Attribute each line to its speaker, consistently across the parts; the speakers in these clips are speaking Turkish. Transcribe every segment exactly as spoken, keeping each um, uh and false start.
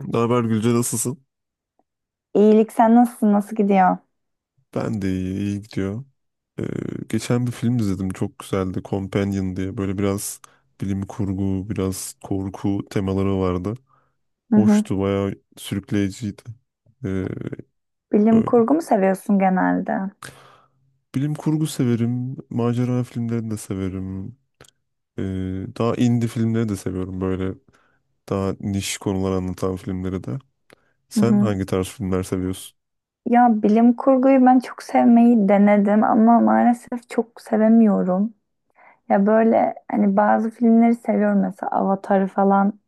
Speaker 1: Ne haber Gülce, nasılsın?
Speaker 2: İyilik sen nasılsın? Nasıl gidiyor?
Speaker 1: Ben de iyi, iyi gidiyor. Ee, Geçen bir film izledim, çok güzeldi, Companion diye. Böyle biraz bilim kurgu, biraz korku temaları vardı.
Speaker 2: Hı hı.
Speaker 1: Hoştu, bayağı sürükleyiciydi. Ee,
Speaker 2: Bilim
Speaker 1: Öyle.
Speaker 2: kurgu mu seviyorsun genelde?
Speaker 1: Bilim kurgu severim, macera filmlerini de severim. Ee, Daha indie filmleri de seviyorum, böyle daha niş konular anlatan filmleri de.
Speaker 2: Hı
Speaker 1: Sen
Speaker 2: hı.
Speaker 1: hangi tarz filmler seviyorsun?
Speaker 2: Ya bilim kurguyu ben çok sevmeyi denedim ama maalesef çok sevemiyorum. Ya böyle hani bazı filmleri seviyorum, mesela Avatar'ı falan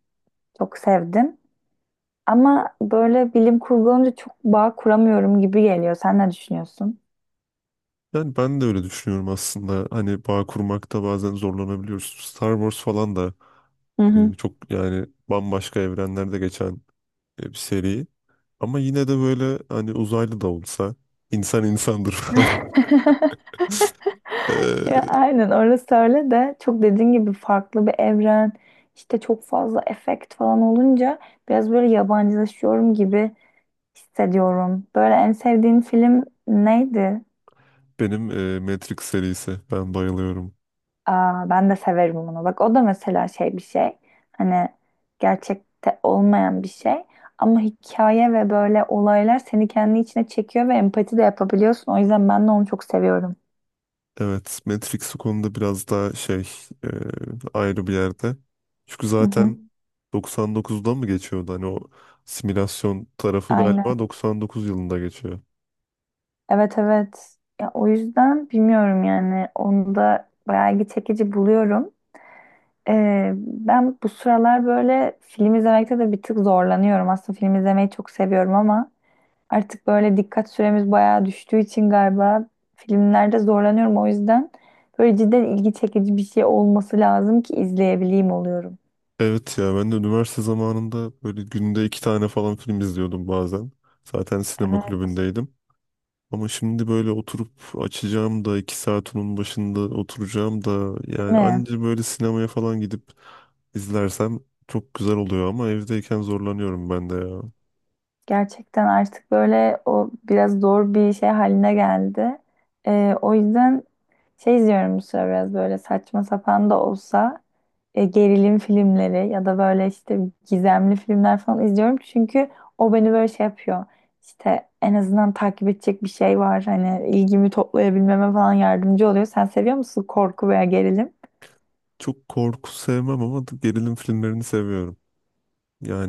Speaker 2: çok sevdim. Ama böyle bilim kurgu olunca çok bağ kuramıyorum gibi geliyor. Sen ne düşünüyorsun?
Speaker 1: Yani ben de öyle düşünüyorum aslında. Hani bağ kurmakta bazen zorlanabiliyoruz. Star Wars falan da e, çok, yani bambaşka evrenlerde geçen, e, bir seri. Ama yine de böyle hani uzaylı da olsa insan insandır falan. E,
Speaker 2: Ya aynen, orası öyle de çok dediğin gibi farklı bir evren, işte çok fazla efekt falan olunca biraz böyle yabancılaşıyorum gibi hissediyorum. Böyle en sevdiğin film neydi?
Speaker 1: Benim e, Matrix serisi. Ben bayılıyorum.
Speaker 2: Aa, ben de severim onu. Bak o da mesela şey, bir şey hani gerçekte olmayan bir şey ama hikaye ve böyle olaylar seni kendi içine çekiyor ve empati de yapabiliyorsun. O yüzden ben de onu çok seviyorum.
Speaker 1: Evet, Matrix o konuda biraz daha şey, e, ayrı bir yerde. Çünkü
Speaker 2: Hı hı.
Speaker 1: zaten doksan dokuzda mı geçiyordu? Hani o simülasyon tarafı galiba doksan dokuz yılında geçiyor.
Speaker 2: Evet, evet. Ya o yüzden bilmiyorum yani, onu da bayağı ilgi çekici buluyorum. Ee, ben bu sıralar böyle film izlemekte de bir tık zorlanıyorum. Aslında film izlemeyi çok seviyorum ama artık böyle dikkat süremiz bayağı düştüğü için galiba filmlerde zorlanıyorum. O yüzden böyle cidden ilgi çekici bir şey olması lazım ki izleyebileyim oluyorum.
Speaker 1: Evet ya, ben de üniversite zamanında böyle günde iki tane falan film izliyordum bazen. Zaten sinema
Speaker 2: Evet,
Speaker 1: kulübündeydim. Ama şimdi böyle oturup açacağım da iki saat onun başında oturacağım da,
Speaker 2: değil
Speaker 1: yani
Speaker 2: mi?
Speaker 1: anca böyle sinemaya falan gidip izlersem çok güzel oluyor ama evdeyken zorlanıyorum ben de ya.
Speaker 2: Gerçekten artık böyle o biraz zor bir şey haline geldi. Ee, o yüzden şey izliyorum bu sıra, biraz böyle saçma sapan da olsa e, gerilim filmleri ya da böyle işte gizemli filmler falan izliyorum. Çünkü o beni böyle şey yapıyor. İşte en azından takip edecek bir şey var. Hani ilgimi toplayabilmeme falan yardımcı oluyor. Sen seviyor musun korku veya gerilim?
Speaker 1: Çok korku sevmem ama gerilim filmlerini seviyorum.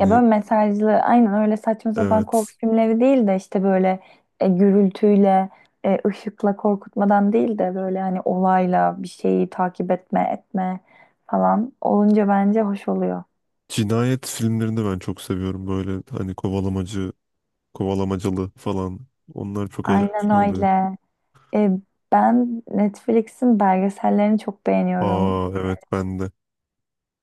Speaker 2: Ya böyle mesajlı, aynen öyle saçma sapan korku
Speaker 1: evet,
Speaker 2: filmleri değil de işte böyle e, gürültüyle, e, ışıkla korkutmadan değil de böyle hani olayla bir şeyi takip etme, etme falan olunca bence hoş oluyor.
Speaker 1: cinayet filmlerini ben çok seviyorum, böyle hani kovalamacı, kovalamacalı falan, onlar çok
Speaker 2: Aynen
Speaker 1: eğlenceli oluyor.
Speaker 2: öyle. E, ben Netflix'in belgesellerini çok beğeniyorum.
Speaker 1: Aa evet, ben de.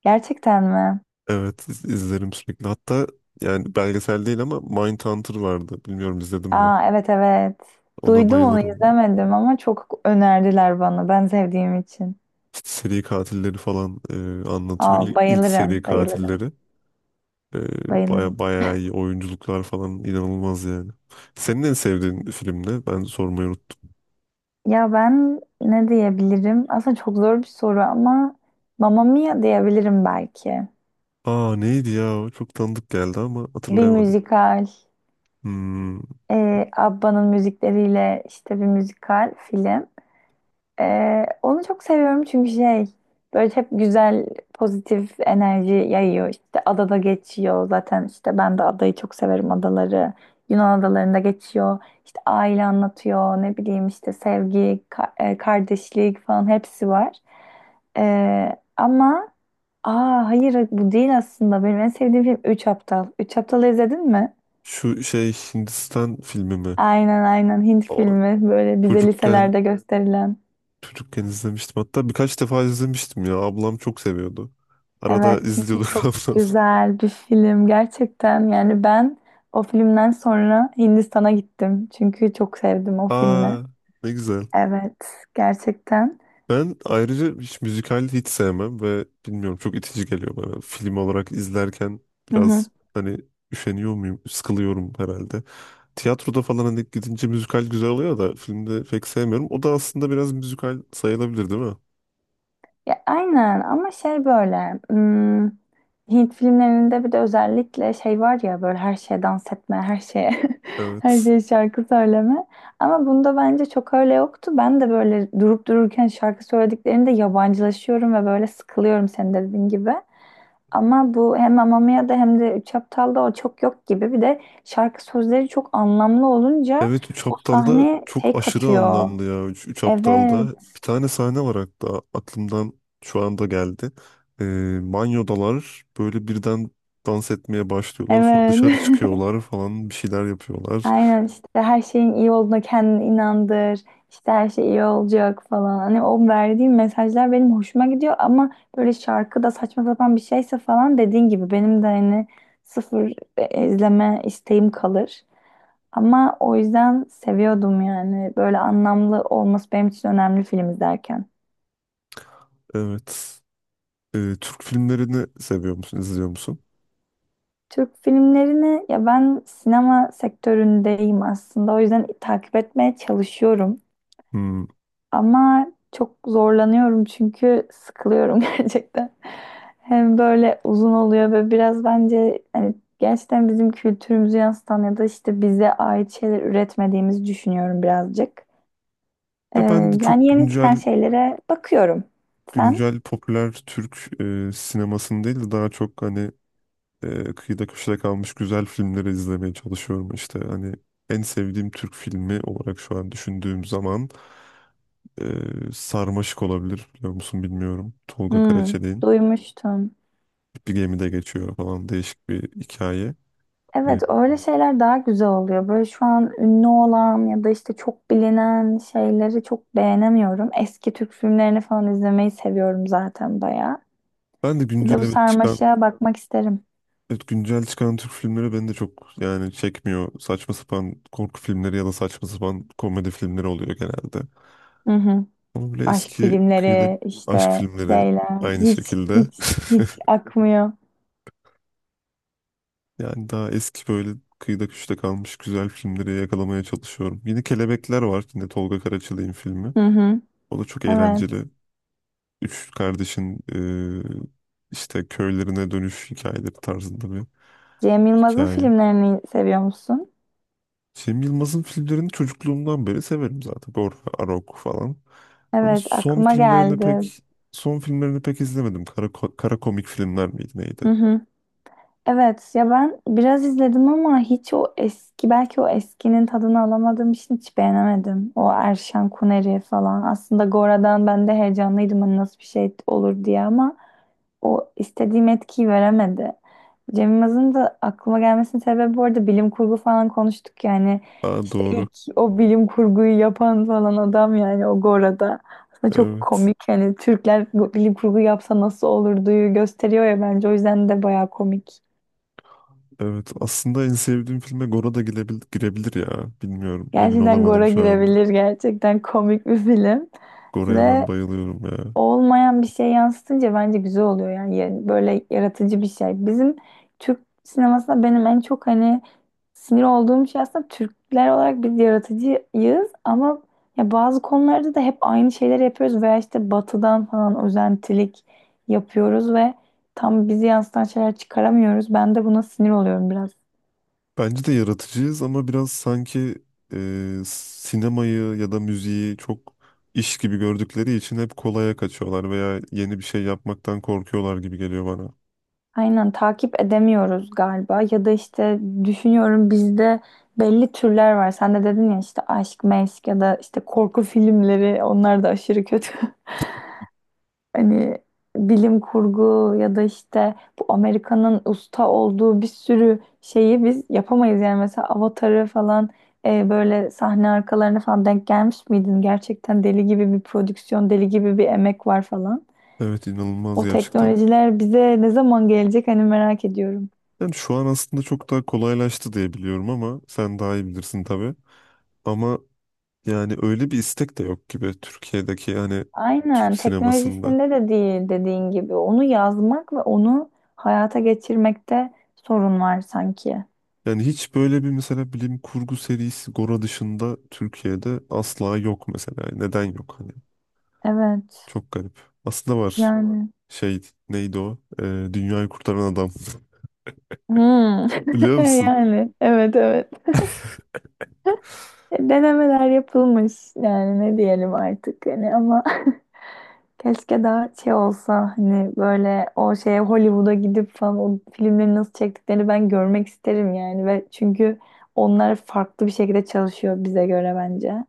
Speaker 2: Gerçekten mi?
Speaker 1: Evet, iz- izlerim sürekli. Hatta yani belgesel değil ama Mindhunter vardı. Bilmiyorum izledim mi?
Speaker 2: Aa, evet evet.
Speaker 1: Ona
Speaker 2: Duydum onu,
Speaker 1: bayılırım.
Speaker 2: izlemedim ama çok önerdiler bana ben sevdiğim için.
Speaker 1: İşte seri katilleri falan e, anlatıyor.
Speaker 2: Aa,
Speaker 1: İl- İlk, seri
Speaker 2: bayılırım, bayılırım,
Speaker 1: katilleri. E,
Speaker 2: bayılırım.
Speaker 1: baya bayağı iyi oyunculuklar falan, inanılmaz yani. Senin en sevdiğin film ne? Ben sormayı unuttum.
Speaker 2: Ya ben ne diyebilirim? Aslında çok zor bir soru ama Mamma Mia diyebilirim belki.
Speaker 1: Aa, neydi ya? O, çok tanıdık geldi ama
Speaker 2: Bir
Speaker 1: hatırlayamadım.
Speaker 2: müzikal,
Speaker 1: Hmm,
Speaker 2: e, Abba'nın müzikleriyle işte, bir müzikal film. Ee, onu çok seviyorum çünkü şey, böyle hep güzel pozitif enerji yayıyor. İşte adada geçiyor zaten, işte ben de adayı çok severim, adaları. Yunan adalarında geçiyor. İşte aile anlatıyor, ne bileyim işte sevgi, ka- e, kardeşlik falan hepsi var. Ee, ama aa, hayır bu değil, aslında benim en sevdiğim film Üç Aptal. Üç Aptal'ı izledin mi?
Speaker 1: Şu şey, Hindistan filmi mi?
Speaker 2: Aynen aynen, Hint
Speaker 1: O,
Speaker 2: filmi, böyle bize
Speaker 1: çocukken
Speaker 2: liselerde gösterilen.
Speaker 1: Çocukken izlemiştim. Hatta birkaç defa izlemiştim ya. Ablam çok seviyordu. Arada
Speaker 2: Evet, çünkü
Speaker 1: izliyorduk
Speaker 2: çok
Speaker 1: ablam.
Speaker 2: güzel bir film gerçekten. Yani ben o filmden sonra Hindistan'a gittim çünkü çok sevdim o filmi.
Speaker 1: Aa, ne güzel.
Speaker 2: Evet, gerçekten.
Speaker 1: Ben ayrıca hiç müzikal hiç sevmem ve bilmiyorum, çok itici geliyor bana. Film olarak izlerken
Speaker 2: Hı hı.
Speaker 1: biraz hani üşeniyor muyum? Sıkılıyorum herhalde. Tiyatroda falan hani gidince müzikal güzel oluyor da filmde pek sevmiyorum. O da aslında biraz müzikal sayılabilir değil mi?
Speaker 2: Ya aynen, ama şey böyle, hmm, Hint filmlerinde bir de özellikle şey var ya, böyle her şeye dans etme, her şeye her
Speaker 1: Evet.
Speaker 2: şeye şarkı söyleme, ama bunda bence çok öyle yoktu. Ben de böyle durup dururken şarkı söylediklerinde yabancılaşıyorum ve böyle sıkılıyorum, senin dediğin gibi. Ama bu hem Amamiya'da hem de Üç Aptal'da o çok yok gibi. Bir de şarkı sözleri çok anlamlı olunca
Speaker 1: Evet, Üç
Speaker 2: o
Speaker 1: Aptal'da
Speaker 2: sahne
Speaker 1: çok
Speaker 2: şey
Speaker 1: aşırı
Speaker 2: katıyor.
Speaker 1: anlamlı ya, Üç, Üç Aptal'da.
Speaker 2: Evet,
Speaker 1: Bir tane sahne var hatta, aklımdan şu anda geldi. Ee, banyodalar böyle birden dans etmeye başlıyorlar. Sonra dışarı
Speaker 2: evet.
Speaker 1: çıkıyorlar falan, bir şeyler yapıyorlar.
Speaker 2: Aynen, işte her şeyin iyi olduğuna kendini inandır. İşte her şey iyi olacak falan. Hani o verdiğim mesajlar benim hoşuma gidiyor ama böyle şarkıda saçma sapan bir şeyse falan, dediğin gibi benim de hani sıfır e, izleme isteğim kalır. Ama o yüzden seviyordum yani. Böyle anlamlı olması benim için önemli film izlerken.
Speaker 1: Evet. Ee, Türk filmlerini seviyor musun, izliyor musun?
Speaker 2: Türk filmlerini, ya ben sinema sektöründeyim aslında. O yüzden takip etmeye çalışıyorum.
Speaker 1: Hmm.
Speaker 2: Ama çok zorlanıyorum çünkü sıkılıyorum gerçekten. Hem böyle uzun oluyor ve biraz bence hani gerçekten bizim kültürümüzü yansıtan ya da işte bize ait şeyler üretmediğimizi düşünüyorum birazcık. Ee,
Speaker 1: Ya ben de çok
Speaker 2: yani yeni çıkan
Speaker 1: güncel
Speaker 2: şeylere bakıyorum. Sen?
Speaker 1: güncel popüler Türk e, sinemasını değil de, daha çok hani e, kıyıda köşede kalmış güzel filmleri izlemeye çalışıyorum, işte hani en sevdiğim Türk filmi olarak şu an düşündüğüm zaman e, Sarmaşık olabilir, biliyor musun bilmiyorum, Tolga
Speaker 2: Hmm,
Speaker 1: Karaçelik'in,
Speaker 2: duymuştum.
Speaker 1: bir gemide geçiyor falan, değişik bir hikaye. E,
Speaker 2: Evet, öyle şeyler daha güzel oluyor. Böyle şu an ünlü olan ya da işte çok bilinen şeyleri çok beğenemiyorum. Eski Türk filmlerini falan izlemeyi seviyorum zaten bayağı.
Speaker 1: Ben de
Speaker 2: Bir de
Speaker 1: güncel
Speaker 2: bu
Speaker 1: evet çıkan
Speaker 2: sarmaşığa bakmak isterim.
Speaker 1: evet, güncel çıkan Türk filmleri beni de çok, yani çekmiyor, saçma sapan korku filmleri ya da saçma sapan komedi filmleri oluyor genelde,
Speaker 2: Hı hı.
Speaker 1: ama böyle
Speaker 2: Aşk
Speaker 1: eski kıyıda,
Speaker 2: filmleri,
Speaker 1: aşk
Speaker 2: işte
Speaker 1: filmleri
Speaker 2: şeyler
Speaker 1: aynı
Speaker 2: hiç
Speaker 1: şekilde.
Speaker 2: hiç hiç akmıyor.
Speaker 1: Yani daha eski böyle kıyıda köşede kalmış güzel filmleri yakalamaya çalışıyorum. Yine Kelebekler var. Yine Tolga Karaçalık'ın filmi.
Speaker 2: Hı hı.
Speaker 1: O da çok eğlenceli.
Speaker 2: Evet.
Speaker 1: Üç kardeşin, e, işte köylerine dönüş hikayeleri tarzında bir
Speaker 2: Cem Yılmaz'ın
Speaker 1: hikaye.
Speaker 2: filmlerini seviyor musun?
Speaker 1: Cem Yılmaz'ın filmlerini çocukluğumdan beri severim zaten. Borha, Arok falan. Ama
Speaker 2: Evet,
Speaker 1: son
Speaker 2: aklıma
Speaker 1: filmlerini
Speaker 2: geldi.
Speaker 1: pek son filmlerini pek izlemedim. Kara, kara komik filmler miydi, neydi?
Speaker 2: Hı hı. Evet ya, ben biraz izledim ama hiç o eski, belki o eskinin tadını alamadığım için, hiç beğenemedim. O Erşan Kuneri falan. Aslında Gora'dan ben de heyecanlıydım hani nasıl bir şey olur diye, ama o istediğim etkiyi veremedi. Cem Yılmaz'ın da aklıma gelmesinin sebebi, bu arada bilim kurgu falan konuştuk yani.
Speaker 1: Aa,
Speaker 2: İşte
Speaker 1: doğru.
Speaker 2: ilk o bilim kurguyu yapan falan adam yani o, Gora'da. Aslında çok
Speaker 1: Evet.
Speaker 2: komik, yani Türkler bilim kurgu yapsa nasıl olurduyu gösteriyor ya, bence o yüzden de bayağı komik.
Speaker 1: Evet, aslında en sevdiğim filme Gora da girebilir, girebilir ya. Bilmiyorum, emin
Speaker 2: Gerçekten
Speaker 1: olamadım
Speaker 2: Gora
Speaker 1: şu anda.
Speaker 2: girebilir. Gerçekten komik bir film.
Speaker 1: Gora'ya ben
Speaker 2: Ve
Speaker 1: bayılıyorum ya.
Speaker 2: olmayan bir şey yansıtınca bence güzel oluyor. Yani ya- böyle yaratıcı bir şey. Bizim Türk sinemasında benim en çok hani sinir olduğum şey, aslında Türkler olarak biz yaratıcıyız ama ya bazı konularda da hep aynı şeyleri yapıyoruz veya işte batıdan falan özentilik yapıyoruz ve tam bizi yansıtan şeyler çıkaramıyoruz. Ben de buna sinir oluyorum biraz.
Speaker 1: Bence de yaratıcıyız ama biraz sanki, e, sinemayı ya da müziği çok iş gibi gördükleri için hep kolaya kaçıyorlar veya yeni bir şey yapmaktan korkuyorlar gibi geliyor bana.
Speaker 2: Aynen, takip edemiyoruz galiba, ya da işte düşünüyorum, bizde belli türler var. Sen de dedin ya, işte aşk, meşk ya da işte korku filmleri, onlar da aşırı kötü. Hani bilim kurgu ya da işte bu Amerika'nın usta olduğu bir sürü şeyi biz yapamayız. Yani mesela Avatar'ı falan e, böyle sahne arkalarına falan denk gelmiş miydin? Gerçekten deli gibi bir prodüksiyon, deli gibi bir emek var falan.
Speaker 1: Evet, inanılmaz
Speaker 2: O
Speaker 1: gerçekten.
Speaker 2: teknolojiler bize ne zaman gelecek hani, merak ediyorum.
Speaker 1: Yani şu an aslında çok daha kolaylaştı diye biliyorum ama sen daha iyi bilirsin tabii. Ama yani öyle bir istek de yok gibi Türkiye'deki, yani Türk
Speaker 2: Aynen,
Speaker 1: sinemasında.
Speaker 2: teknolojisinde de değil, dediğin gibi. Onu yazmak ve onu hayata geçirmekte sorun var sanki.
Speaker 1: Yani hiç böyle bir, mesela bilim kurgu serisi Gora dışında Türkiye'de asla yok mesela. Yani neden yok hani?
Speaker 2: Evet.
Speaker 1: Çok garip. Aslında var.
Speaker 2: Yani.
Speaker 1: Şey, neydi o? Ee, Dünyayı Kurtaran Adam.
Speaker 2: Hmm.
Speaker 1: Biliyor musun?
Speaker 2: Yani, evet evet. E, denemeler yapılmış yani, ne diyelim artık hani, ama keşke daha şey olsa hani, böyle o şeye, Hollywood'a gidip falan o filmleri nasıl çektiklerini ben görmek isterim yani. Ve çünkü onlar farklı bir şekilde çalışıyor bize göre bence.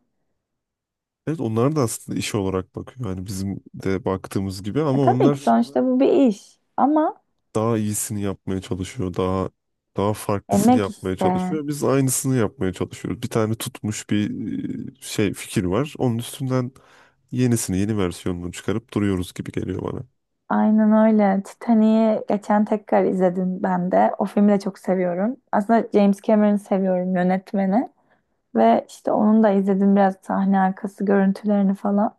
Speaker 1: Evet, onlar da aslında iş olarak bakıyor. Yani bizim de baktığımız gibi ama
Speaker 2: E, tabii ki
Speaker 1: onlar
Speaker 2: sonuçta bu bir iş. Ama
Speaker 1: daha iyisini yapmaya çalışıyor. Daha daha farklısını
Speaker 2: emek
Speaker 1: yapmaya
Speaker 2: işte.
Speaker 1: çalışıyor. Biz aynısını yapmaya çalışıyoruz. Bir tane tutmuş bir, e, şey fikir var. Onun üstünden yenisini, yeni versiyonunu çıkarıp duruyoruz gibi geliyor bana.
Speaker 2: Aynen öyle. Titanic'i geçen tekrar izledim ben de. O filmi de çok seviyorum. Aslında James Cameron'ı seviyorum, yönetmeni. Ve işte onun da izledim biraz sahne arkası görüntülerini falan.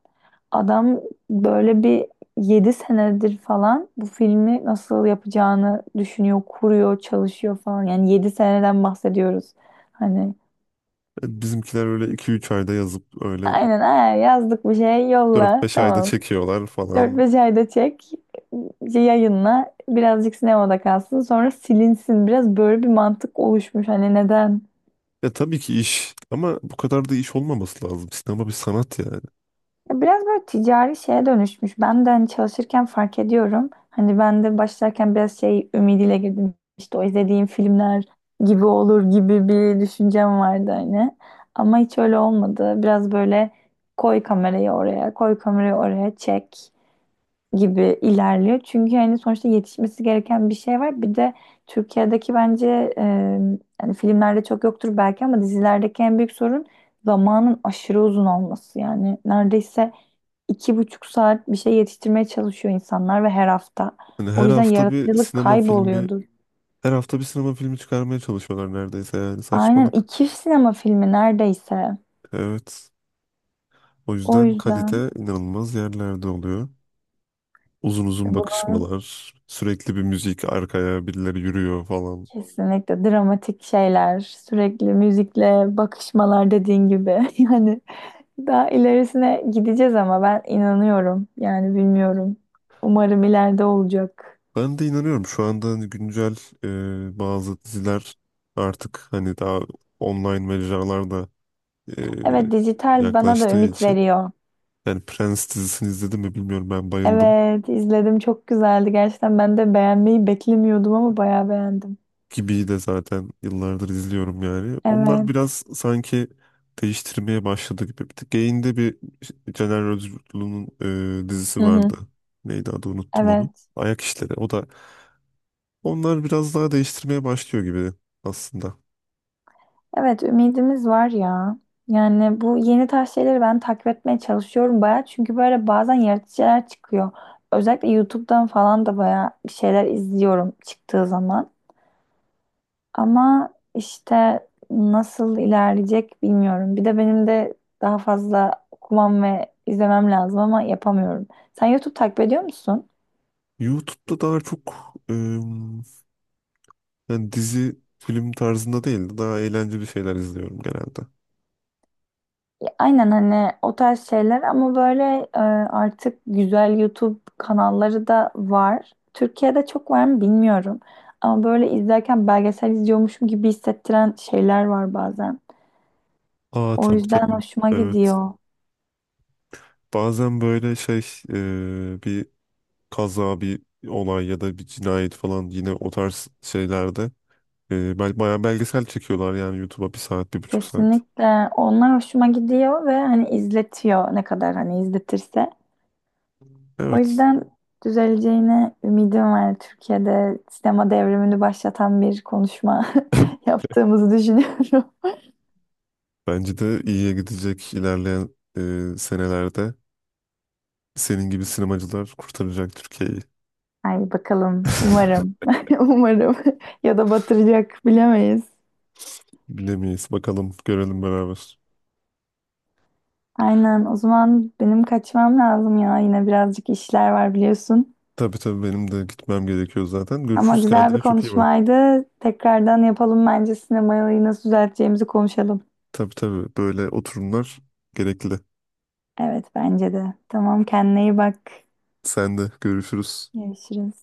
Speaker 2: Adam böyle bir yedi senedir falan bu filmi nasıl yapacağını düşünüyor, kuruyor, çalışıyor falan. Yani yedi seneden bahsediyoruz. Hani
Speaker 1: Bizimkiler öyle iki üç ayda yazıp öyle
Speaker 2: aynen, "Aa, yazdık bir şey,
Speaker 1: dört
Speaker 2: yolla,
Speaker 1: beş ayda
Speaker 2: tamam.
Speaker 1: çekiyorlar
Speaker 2: Dört
Speaker 1: falan.
Speaker 2: beş ayda çek, yayınla, birazcık sinemada kalsın, sonra silinsin." Biraz böyle bir mantık oluşmuş. Hani neden?
Speaker 1: Ya tabii ki iş ama bu kadar da iş olmaması lazım. Sinema bir sanat yani.
Speaker 2: Ya biraz böyle ticari şeye dönüşmüş. Ben de hani çalışırken fark ediyorum. Hani ben de başlarken biraz şey ümidiyle girdim. İşte o izlediğim filmler gibi olur gibi bir düşüncem vardı hani. Ama hiç öyle olmadı. Biraz böyle koy kamerayı oraya, koy kamerayı oraya, çek gibi ilerliyor. Çünkü hani sonuçta yetişmesi gereken bir şey var. Bir de Türkiye'deki bence e, yani filmlerde çok yoktur belki, ama dizilerdeki en büyük sorun zamanın aşırı uzun olması. Yani neredeyse iki buçuk saat bir şey yetiştirmeye çalışıyor insanlar, ve her hafta.
Speaker 1: Hani
Speaker 2: O
Speaker 1: her
Speaker 2: yüzden
Speaker 1: hafta bir
Speaker 2: yaratıcılık
Speaker 1: sinema filmi,
Speaker 2: kayboluyordur.
Speaker 1: her hafta bir sinema filmi çıkarmaya çalışıyorlar neredeyse, yani
Speaker 2: Aynen,
Speaker 1: saçmalık.
Speaker 2: iki sinema filmi neredeyse.
Speaker 1: Evet. O
Speaker 2: O
Speaker 1: yüzden
Speaker 2: yüzden
Speaker 1: kalite inanılmaz yerlerde oluyor. Uzun uzun
Speaker 2: bunun,
Speaker 1: bakışmalar, sürekli bir müzik arkaya, birileri yürüyor falan.
Speaker 2: kesinlikle dramatik şeyler, sürekli müzikle bakışmalar, dediğin gibi. Yani daha ilerisine gideceğiz ama ben inanıyorum. Yani bilmiyorum. Umarım ileride olacak.
Speaker 1: Ben de inanıyorum, şu anda hani güncel e, bazı diziler artık hani daha online mecralarda e,
Speaker 2: Evet, dijital bana da
Speaker 1: yaklaştığı
Speaker 2: ümit
Speaker 1: için,
Speaker 2: veriyor.
Speaker 1: yani Prens dizisini izledim mi bilmiyorum, ben bayıldım.
Speaker 2: Evet, izledim çok güzeldi. Gerçekten ben de beğenmeyi beklemiyordum ama bayağı beğendim.
Speaker 1: Gibi'yi de zaten yıllardır izliyorum yani. Onlar biraz
Speaker 2: Evet.
Speaker 1: sanki değiştirmeye başladı gibi. Bir tık Gain'de bir Caner Özgürlü'nün e, dizisi
Speaker 2: Hı hı.
Speaker 1: vardı. Neydi adı, unuttum onu.
Speaker 2: Evet.
Speaker 1: Ayak işleri. O da, onlar biraz daha değiştirmeye başlıyor gibi aslında.
Speaker 2: Evet, ümidimiz var ya. Yani bu yeni tarz şeyleri ben takip etmeye çalışıyorum bayağı. Çünkü böyle bazen yaratıcı şeyler çıkıyor. Özellikle YouTube'dan falan da bayağı bir şeyler izliyorum çıktığı zaman. Ama işte nasıl ilerleyecek bilmiyorum. Bir de benim de daha fazla okumam ve izlemem lazım ama yapamıyorum. Sen YouTube takip ediyor musun?
Speaker 1: YouTube'da daha çok em, yani dizi film tarzında değil de daha eğlenceli şeyler izliyorum genelde.
Speaker 2: Ya aynen, hani o tarz şeyler ama böyle, e, artık güzel YouTube kanalları da var. Türkiye'de çok var mı bilmiyorum. Ama böyle izlerken belgesel izliyormuşum gibi hissettiren şeyler var bazen.
Speaker 1: Aa
Speaker 2: O
Speaker 1: tabii,
Speaker 2: yüzden
Speaker 1: tabii.
Speaker 2: hoşuma
Speaker 1: Evet.
Speaker 2: gidiyor.
Speaker 1: Bazen böyle şey, e, bir kaza, bir olay ya da bir cinayet falan, yine o tarz şeylerde e, bel bayağı belgesel çekiyorlar yani YouTube'a, bir saat, bir buçuk saat.
Speaker 2: Kesinlikle, onlar hoşuma gidiyor ve hani izletiyor ne kadar hani izletirse. O
Speaker 1: Evet.
Speaker 2: yüzden düzeleceğine ümidim var. Türkiye'de sinema devrimini başlatan bir konuşma yaptığımızı düşünüyorum.
Speaker 1: Bence de iyiye gidecek, ilerleyen e, senelerde senin gibi sinemacılar kurtaracak Türkiye'yi.
Speaker 2: Ay bakalım, umarım. Umarım. Ya da batıracak, bilemeyiz.
Speaker 1: Bilemeyiz. Bakalım, görelim beraber.
Speaker 2: Aynen, o zaman benim kaçmam lazım ya. Yine birazcık işler var, biliyorsun.
Speaker 1: Tabii tabii, benim de gitmem gerekiyor zaten.
Speaker 2: Ama
Speaker 1: Görüşürüz,
Speaker 2: güzel bir
Speaker 1: kendine çok iyi bak.
Speaker 2: konuşmaydı. Tekrardan yapalım bence, sinemayı nasıl düzelteceğimizi konuşalım.
Speaker 1: Tabii tabii, böyle oturumlar gerekli.
Speaker 2: Evet, bence de. Tamam, kendine iyi bak.
Speaker 1: Sen de, görüşürüz.
Speaker 2: Görüşürüz.